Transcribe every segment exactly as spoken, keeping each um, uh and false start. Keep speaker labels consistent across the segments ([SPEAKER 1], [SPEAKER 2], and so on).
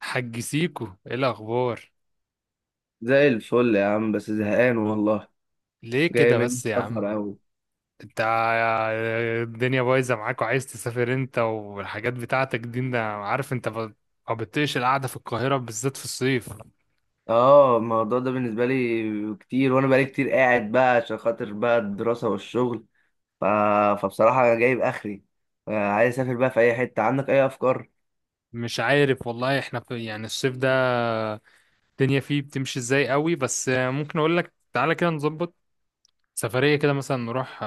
[SPEAKER 1] حج سيكو، ايه الاخبار؟
[SPEAKER 2] زي الفل يا عم، بس زهقان والله.
[SPEAKER 1] ليه
[SPEAKER 2] جاي
[SPEAKER 1] كده
[SPEAKER 2] من
[SPEAKER 1] بس يا
[SPEAKER 2] السفر
[SPEAKER 1] عم؟
[SPEAKER 2] أوي.
[SPEAKER 1] انت الدنيا بايظه معاك وعايز تسافر انت والحاجات بتاعتك دي. انا عارف انت ب- ما بتطيقش القعده في القاهره، بالذات في الصيف.
[SPEAKER 2] اه، الموضوع ده بالنسبة لي كتير، وأنا بقالي كتير قاعد بقى عشان خاطر بقى الدراسة والشغل. ف... فبصراحة أنا جايب آخري. آه، عايز أسافر بقى في أي حتة، عندك أي أفكار؟
[SPEAKER 1] مش عارف والله، احنا في يعني الصيف ده الدنيا فيه بتمشي ازاي قوي. بس ممكن اقول لك تعالى كده نظبط سفريه كده، مثلا نروح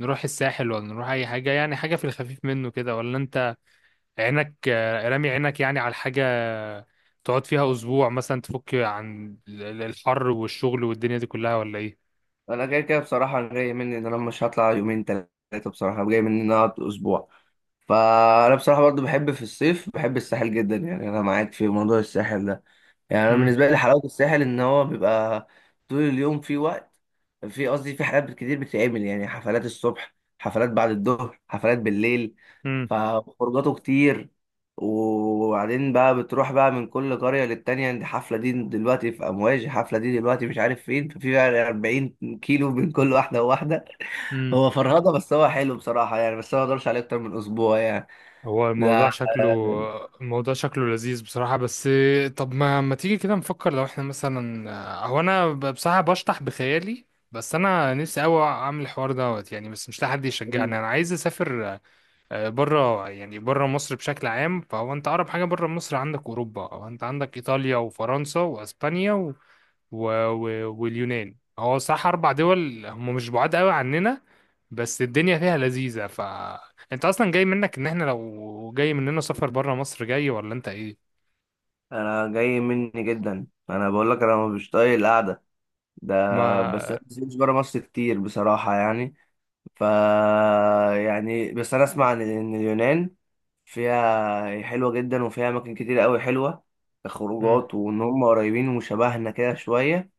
[SPEAKER 1] نروح الساحل، ولا نروح اي حاجه، يعني حاجه في الخفيف منه كده؟ ولا انت عينك آه، رامي عينك يعني على حاجة تقعد فيها أسبوع مثلا، تفك عن ال- ال- الحر والشغل والدنيا دي كلها، ولا إيه؟
[SPEAKER 2] أنا كده كده بصراحة جاي مني إن أنا مش هطلع يومين تلاتة، بصراحة جاي مني إن أنا أقعد أسبوع. فأنا بصراحة برضو بحب في الصيف، بحب الساحل جدا، يعني أنا معاك في موضوع الساحل ده. يعني انا
[SPEAKER 1] مم.
[SPEAKER 2] بالنسبه لي حلاوه الساحل ان هو بيبقى طول اليوم في وقت، في قصدي في حاجات كتير بتتعمل، يعني حفلات الصبح، حفلات بعد الظهر، حفلات بالليل،
[SPEAKER 1] مم.
[SPEAKER 2] فخروجاته كتير. وبعدين بقى بتروح بقى من كل قريه للتانيه، دي حفله دي دلوقتي في امواج، حفله دي دلوقتي مش عارف فين، ففي بقى أربعين كيلو بين كل واحده وواحده.
[SPEAKER 1] مم.
[SPEAKER 2] هو فرهضه بس هو حلو بصراحه، يعني بس أنا ما اقدرش عليه اكتر من اسبوع يعني.
[SPEAKER 1] هو
[SPEAKER 2] ده
[SPEAKER 1] الموضوع شكله الموضوع شكله لذيذ بصراحة. بس طب ما ما تيجي كده نفكر لو احنا مثلا. هو أنا ب- بصراحة بشطح بخيالي. بس أنا نفسي أوي أعمل الحوار دوت يعني، بس مش لاقي حد يشجعني. أنا عايز أسافر آه، بره، يعني بره مصر بشكل عام. فهو انت اقرب حاجه بره مصر عندك اوروبا، او انت عندك ايطاليا وفرنسا واسبانيا و... و... و... واليونان. هو صح، اربع دول هم مش بعاد قوي عننا. بس الدنيا فيها لذيذه. ف انت اصلا جاي منك ان احنا لو جاي مننا سفر بره مصر، جاي ولا انت ايه؟
[SPEAKER 2] انا جاي مني جدا، انا بقول لك انا مش طايق القعده ده بس
[SPEAKER 1] ما
[SPEAKER 2] انا مش بره مصر كتير بصراحه يعني. ف يعني بس انا اسمع ان إن اليونان فيها حلوه جدا، وفيها اماكن كتير قوي حلوه كخروجات، وان هم قريبين وشبهنا كده شويه.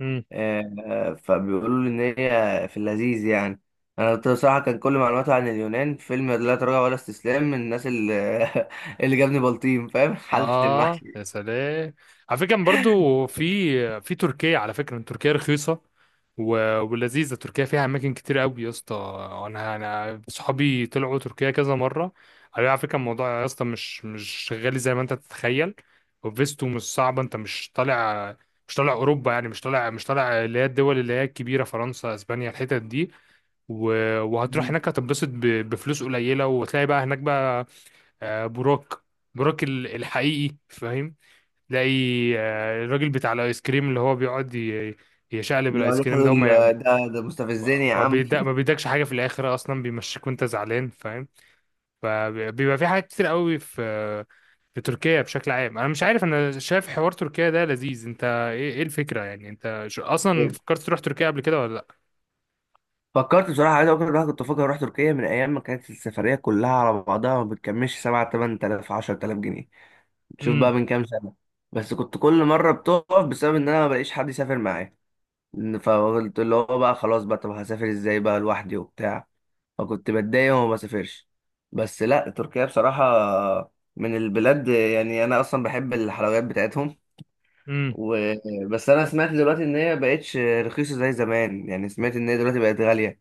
[SPEAKER 1] مم.
[SPEAKER 2] آه، آه، فبيقولوا لي ان هي في اللذيذ يعني. انا بصراحه كان كل معلوماتي عن اليونان فيلم لا تراجع ولا استسلام، من الناس اللي اللي جابني بلطيم فاهم حلت
[SPEAKER 1] اه
[SPEAKER 2] المحشي.
[SPEAKER 1] يا سلام، على فكره برضو في في تركيا، على فكره تركيا رخيصه و... ولذيذه. تركيا فيها اماكن كتير قوي يا اسطى. انا انا صحابي طلعوا تركيا كذا مره، قالوا لي على فكره الموضوع يا اسطى مش مش غالي زي ما انت تتخيل. وفيستو مش صعبه، انت مش طالع، مش طالع اوروبا يعني، مش طالع مش طالع اللي هي الدول اللي هي الكبيره، فرنسا اسبانيا الحتت دي. و... وهتروح هناك، هتتبسط ب... بفلوس قليله، وتلاقي بقى هناك بقى آه، بروك، بروك ال- الحقيقي، فاهم. تلاقي آه، الراجل بتاع الايس كريم اللي هو بيقعد ي- يشقلب
[SPEAKER 2] لا
[SPEAKER 1] الايس
[SPEAKER 2] يا
[SPEAKER 1] كريم ده،
[SPEAKER 2] خالد،
[SPEAKER 1] وما
[SPEAKER 2] ده ده مستفزني يا
[SPEAKER 1] ما
[SPEAKER 2] عم
[SPEAKER 1] بيدا ما بيدكش حاجه في الاخر، اصلا بيمشيك وانت زعلان فاهم. فبيبقى في حاجات كتير قوي في، في تركيا بشكل عام. انا مش عارف، انا شايف حوار تركيا ده لذيذ. انت ايه إيه الفكره؟ يعني انت ش- اصلا فكرت تروح تركيا قبل كده ولا لا؟
[SPEAKER 2] فكرت بصراحة، عايز أقول لك إن أنا كنت فاكر أروح تركيا من أيام ما كانت السفرية كلها على بعضها ما بتكملش سبعة تمن تلاف عشرة تلاف جنيه. شوف بقى
[SPEAKER 1] امم.
[SPEAKER 2] من كام سنة. بس كنت كل مرة بتقف بسبب إن أنا ما بلاقيش حد يسافر معايا، فقلت اللي هو بقى خلاص بقى، طب هسافر إزاي بقى لوحدي وبتاع، فكنت بتضايق وما بسافرش. بس لا تركيا بصراحة من البلاد، يعني أنا أصلا بحب الحلويات بتاعتهم.
[SPEAKER 1] امم.
[SPEAKER 2] و... بس انا سمعت دلوقتي ان هي بقتش رخيصه زي زمان، يعني سمعت ان هي دلوقتي بقت غاليه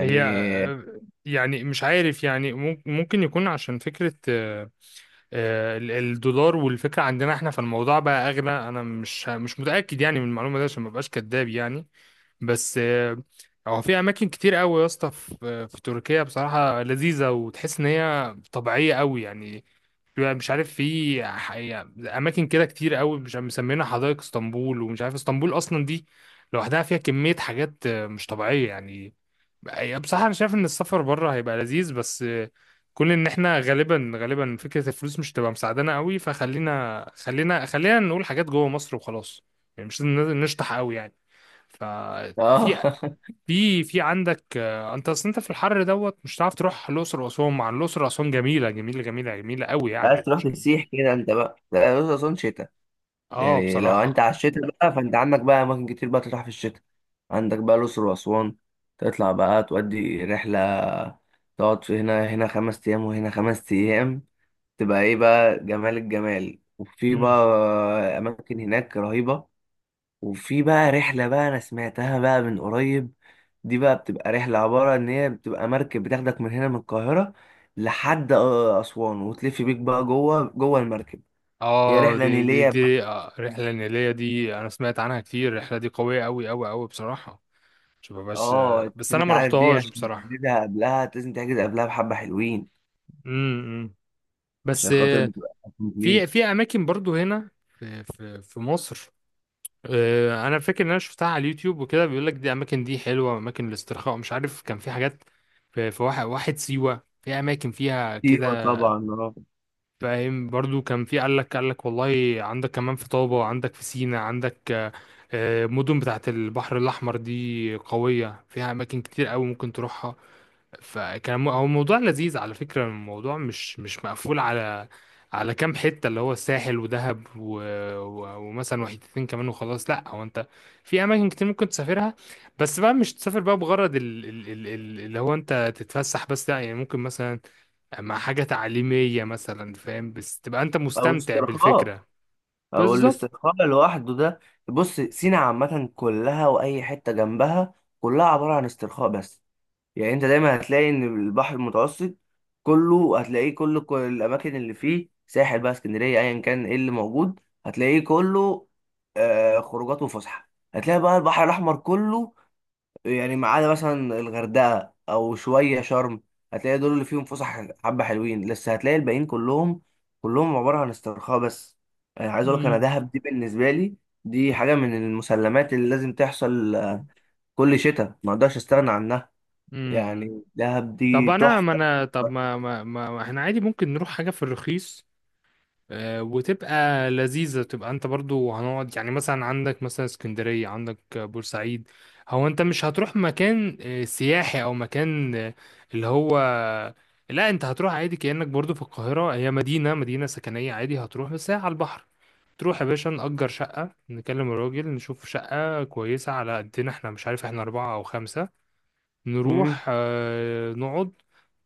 [SPEAKER 1] هي آه، يعني مش عارف يعني مم- ممكن يكون عشان فكره آه، آه، ال- الدولار والفكرة عندنا احنا، فالموضوع بقى اغلى. انا مش مش متأكد يعني من المعلومة دي، عشان ما بقاش كداب يعني. بس آه، هو في اماكن كتير قوي يا اسطى في في تركيا بصراحة لذيذة، وتحس ان هي طبيعية قوي يعني. بيبقى مش عارف في ح- يعني اماكن كده كتير قوي، مش عارف مسمينها حدائق اسطنبول. ومش عارف اسطنبول اصلا دي لوحدها فيها كمية حاجات آه، مش طبيعية يعني. يعني بصراحة أنا شايف إن السفر بره هيبقى لذيذ، بس كل إن إحنا غالبا غالبا فكرة الفلوس مش تبقى مساعدانا قوي. فخلينا خلينا خلينا نقول حاجات جوه مصر وخلاص، يعني مش لازم نشطح قوي يعني.
[SPEAKER 2] اه
[SPEAKER 1] ففي في في عندك آه، أنت أصل أنت في الحر دوت مش هتعرف تروح الأقصر وأسوان، مع إن الأقصر وأسوان جميلة جميلة جميلة جميلة قوي
[SPEAKER 2] عايز
[SPEAKER 1] يعني،
[SPEAKER 2] تروح
[SPEAKER 1] مش
[SPEAKER 2] تسيح كده انت بقى؟ لا، الأقصر أسوان شتاء.
[SPEAKER 1] آه
[SPEAKER 2] يعني لو انت
[SPEAKER 1] بصراحة.
[SPEAKER 2] على الشتاء بقى، فانت عندك بقى اماكن كتير بقى تروح في الشتاء. عندك بقى الاقصر واسوان، تطلع بقى تودي رحله، تقعد في هنا هنا خمس ايام وهنا خمس ايام، تبقى ايه بقى، جمال الجمال. وفي
[SPEAKER 1] مم.
[SPEAKER 2] بقى اماكن هناك رهيبه. وفي بقى رحلة بقى أنا سمعتها بقى من قريب، دي بقى بتبقى رحلة عبارة إن هي بتبقى مركب بتاخدك من هنا من القاهرة لحد آه، أسوان، وتلف بيك بقى جوه جوه المركب. هي
[SPEAKER 1] اه
[SPEAKER 2] رحلة
[SPEAKER 1] دي دي
[SPEAKER 2] نيلية بقى.
[SPEAKER 1] دي آه، الرحلة النيلية دي أنا سمعت عنها كتير. الرحلة دي قوية أوي أوي أوي بصراحة. مش ببقاش.
[SPEAKER 2] اه
[SPEAKER 1] بس انا
[SPEAKER 2] أنت
[SPEAKER 1] ما
[SPEAKER 2] عارف دي
[SPEAKER 1] رحتهاش
[SPEAKER 2] عشان
[SPEAKER 1] بصراحه.
[SPEAKER 2] تحجزها قبلها، لازم تحجز قبلها بحبة حلوين
[SPEAKER 1] امم. بس
[SPEAKER 2] عشان خاطر
[SPEAKER 1] آه،
[SPEAKER 2] بتبقى كومبليت.
[SPEAKER 1] في في اماكن برضو هنا، في في في مصر. آه، انا فاكر ان انا شفتها على اليوتيوب وكده. بيقول لك دي اماكن دي حلوه، اماكن الاسترخاء. مش عارف كان في حاجات في في واحد واحد سيوه، في اماكن فيها كده
[SPEAKER 2] سيوة طبعا اه.
[SPEAKER 1] فاهم. برضو كان في قال لك قال لك والله عندك كمان في طابه، عندك في سينا، عندك آه، آه، مدن بتاعت البحر الاحمر دي قويه فيها اماكن كتير قوي ممكن تروحها. فكان مو- هو موضوع لذيذ على فكرة. الموضوع مش مش مقفول على على كام حتة، اللي هو الساحل ودهب و... و... ومثلا وحيدتين كمان وخلاص. لا هو انت في اماكن كتير ممكن تسافرها، بس بقى مش تسافر بقى بغرض ال... ال... ال... ال- اللي هو انت تتفسح بس. لا يعني ممكن مثلا مع حاجة تعليمية مثلا فاهم، بس تبقى انت
[SPEAKER 2] أو
[SPEAKER 1] مستمتع
[SPEAKER 2] استرخاء،
[SPEAKER 1] بالفكرة.
[SPEAKER 2] أو
[SPEAKER 1] بالظبط.
[SPEAKER 2] الاسترخاء لوحده ده. بص، سينا عامة كلها وأي حتة جنبها كلها عبارة عن استرخاء بس. يعني انت دايما هتلاقي ان البحر المتوسط كله هتلاقيه، كل كل الاماكن اللي فيه ساحل بقى، اسكندريه ايا كان ايه اللي موجود هتلاقيه كله آه خروجات وفسحه. هتلاقي بقى البحر الاحمر كله، يعني ما عدا مثلا الغردقه او شويه شرم هتلاقي دول اللي فيهم فسح حبه حلوين، بس هتلاقي الباقيين كلهم كلهم عباره عن استرخاء بس. يعني عايز اقول لك انا
[SPEAKER 1] امم.
[SPEAKER 2] دهب دي بالنسبه لي دي حاجه من المسلمات اللي لازم تحصل، آه، كل شتاء ما اقدرش استغنى عنها.
[SPEAKER 1] امم.
[SPEAKER 2] يعني دهب
[SPEAKER 1] طب
[SPEAKER 2] دي
[SPEAKER 1] انا ما
[SPEAKER 2] تحفة.
[SPEAKER 1] انا طب ما ما ما ما احنا عادي ممكن نروح حاجة في الرخيص آه، وتبقى لذيذة. تبقى انت برضو هنقعد يعني مثلا عندك مثلا اسكندرية، عندك آه، بورسعيد. هو انت مش هتروح مكان آه، سياحي او مكان آه، اللي هو. لا انت هتروح عادي كأنك برضو في القاهرة، هي مدينة مدينة سكنية، عادي هتروح بس هي على البحر. تروح يا باشا نأجر شقة، نكلم الراجل نشوف شقة كويسة على قدنا احنا، مش عارف احنا أربعة أو خمسة.
[SPEAKER 2] مم.
[SPEAKER 1] نروح آه، نقعد،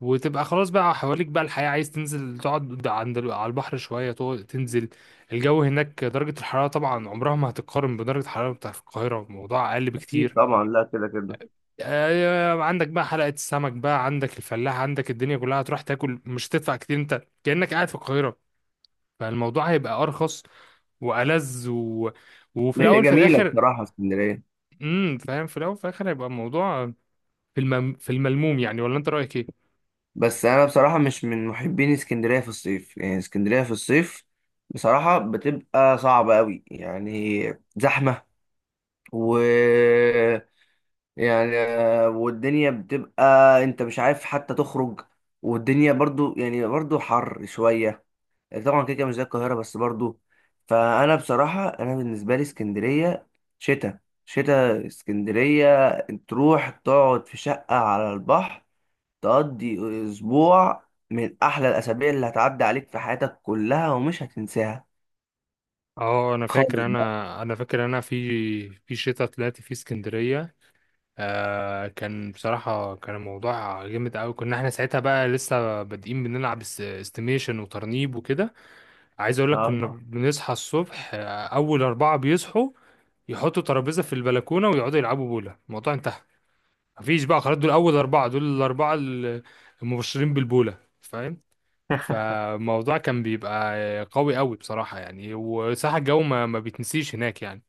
[SPEAKER 1] وتبقى خلاص بقى حواليك بقى الحياة. عايز تنزل تقعد قد- عند ال- على البحر شوية تقعد تنزل. الجو هناك، درجة الحرارة طبعا عمرها ما هتتقارن بدرجة الحرارة بتاعت القاهرة، الموضوع أقل
[SPEAKER 2] أكيد
[SPEAKER 1] بكتير.
[SPEAKER 2] طبعا، لا كده كده.
[SPEAKER 1] آه، عندك بقى حلقة السمك بقى، عندك الفلاح، عندك الدنيا كلها. هتروح تاكل مش هتدفع كتير، انت كأنك قاعد في القاهرة. فالموضوع هيبقى أرخص وألذ و... وفي
[SPEAKER 2] هي
[SPEAKER 1] الأول في
[SPEAKER 2] جميلة
[SPEAKER 1] الآخر.
[SPEAKER 2] بصراحة اسكندرية،
[SPEAKER 1] امم فاهم. في الأول في الآخر هيبقى الموضوع في المم... في الملموم يعني، ولا أنت رأيك إيه؟
[SPEAKER 2] بس أنا بصراحة مش من محبين اسكندرية في الصيف. يعني اسكندرية في الصيف بصراحة بتبقى صعبة أوي يعني، زحمة، و، يعني والدنيا بتبقى، أنت مش عارف حتى تخرج. والدنيا برضو يعني برضو حر شوية، طبعا كده كده مش زي القاهرة بس برضو. فأنا بصراحة أنا بالنسبة لي اسكندرية شتاء، شتاء اسكندرية، تروح تقعد في شقة على البحر، تقضي أسبوع من أحلى الأسابيع اللي هتعدي عليك في حياتك كلها، ومش هتنساها
[SPEAKER 1] اه انا
[SPEAKER 2] خالص
[SPEAKER 1] فاكر
[SPEAKER 2] بقى.
[SPEAKER 1] انا انا فاكر انا في في شتاء طلعت في اسكندريه. آه، كان بصراحه كان الموضوع جامد قوي. كنا احنا ساعتها بقى لسه بادئين بنلعب اس- استيميشن وترنيب وكده. عايز اقول لك كنا
[SPEAKER 2] آه.
[SPEAKER 1] بنصحى الصبح، آه اول اربعه بيصحوا يحطوا ترابيزه في البلكونه ويقعدوا يلعبوا بوله. الموضوع انتهى، مفيش بقى خلاص. دول اول اربعه، دول الاربعه ال- المبشرين بالبوله فاهم. فالموضوع كان بيبقى قوي قوي بصراحة يعني، وصح الجو ما, ما بيتنسيش هناك يعني.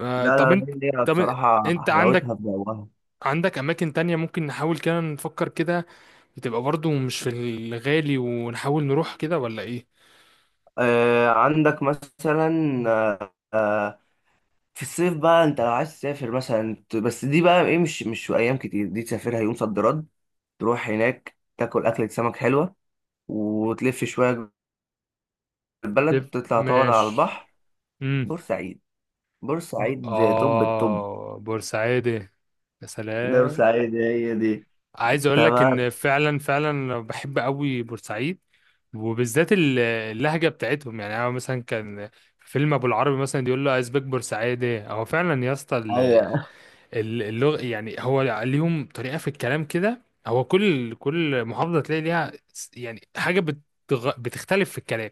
[SPEAKER 1] آه، طب
[SPEAKER 2] لا لا
[SPEAKER 1] انت
[SPEAKER 2] لا، هي
[SPEAKER 1] طب
[SPEAKER 2] بصراحة
[SPEAKER 1] انت عندك،
[SPEAKER 2] حلاوتها في جوها.
[SPEAKER 1] عندك اماكن تانية ممكن نحاول كده نفكر كده، بتبقى برضو مش في الغالي ونحاول نروح كده، ولا ايه؟
[SPEAKER 2] آه عندك مثلا، آه آه، في الصيف بقى انت لو عايز تسافر مثلا ت- بس دي بقى ايه، مش مش في ايام كتير، دي تسافرها يوم صد رد، تروح هناك تاكل أكلة سمك حلوة، وتلف شوية جوه البلد،
[SPEAKER 1] لف-
[SPEAKER 2] تطلع تقعد على
[SPEAKER 1] ماشي.
[SPEAKER 2] البحر.
[SPEAKER 1] امم.
[SPEAKER 2] بورسعيد.
[SPEAKER 1] ب-
[SPEAKER 2] بورسعيد طب الطب.
[SPEAKER 1] اه بورسعيد يا
[SPEAKER 2] ده
[SPEAKER 1] سلام.
[SPEAKER 2] بورسعيد هي دي.
[SPEAKER 1] عايز اقول لك
[SPEAKER 2] تمام.
[SPEAKER 1] ان فعلا فعلا بحب قوي بورسعيد، وبالذات ال- اللهجه بتاعتهم يعني. انا مثلا كان فيلم ابو العربي مثلا يقول له ازبك بورسعيدي. هو فعلا يا اسطى ال-
[SPEAKER 2] هي
[SPEAKER 1] ال- اللغه يعني. هو ليهم طريقه في الكلام كده. هو كل كل محافظه تلاقي ليها س- يعني حاجه بتغ... بتختلف في الكلام.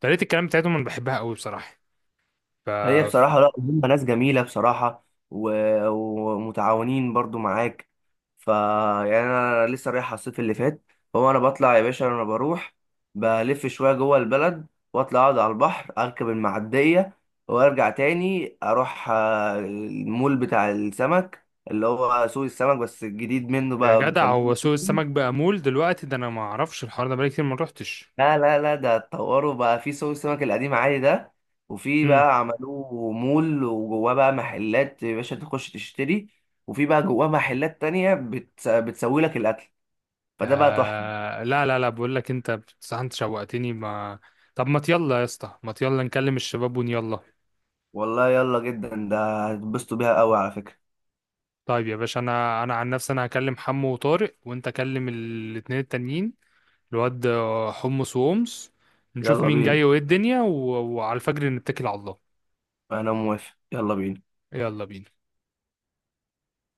[SPEAKER 1] طريقه الكلام بتاعتهم انا بحبها قوي بصراحه. ف
[SPEAKER 2] هي بصراحة لا هم ناس جميلة بصراحة، و- ومتعاونين برضو معاك. ف يعني أنا لسه رايح على الصيف اللي فات، هو أنا بطلع يا باشا، أنا بروح بلف شوية جوه البلد، وأطلع أقعد على البحر، أركب المعدية، وأرجع تاني أروح آه، المول بتاع السمك اللي هو سوق السمك، بس الجديد منه
[SPEAKER 1] يا
[SPEAKER 2] بقى
[SPEAKER 1] جدع،
[SPEAKER 2] مسمينه.
[SPEAKER 1] هو سوق السمك بقى مول دلوقتي؟ ده انا ما اعرفش الحوار ده، بقالي كتير ما روحتش.
[SPEAKER 2] لا لا لا، ده اتطوروا بقى في سوق السمك القديم عادي ده، وفي بقى عملوه مول وجواه بقى محلات يا باشا تخش تشتري، وفي بقى جواه محلات تانية بتس... بتسوي لك الأكل، فده بقى تحفة.
[SPEAKER 1] آه لا لا لا، بقول لك انت بصراحة انت شوقتني ما. طب ما يلا يا اسطى، ما يلا نكلم الشباب ونيلا.
[SPEAKER 2] والله يلا جدا، ده هتتبسطوا بيها قوي على فكرة.
[SPEAKER 1] طيب يا باشا انا انا عن نفسي انا هكلم حمو وطارق، وانت كلم ال- الاتنين التانيين. الواد آه، حمص وأمس. نشوف
[SPEAKER 2] يلا
[SPEAKER 1] مين جاي
[SPEAKER 2] بينا.
[SPEAKER 1] وايه الدنيا و... وعلى الفجر نتكل على الله.
[SPEAKER 2] أنا موافق، يلا بينا.
[SPEAKER 1] يلا بينا.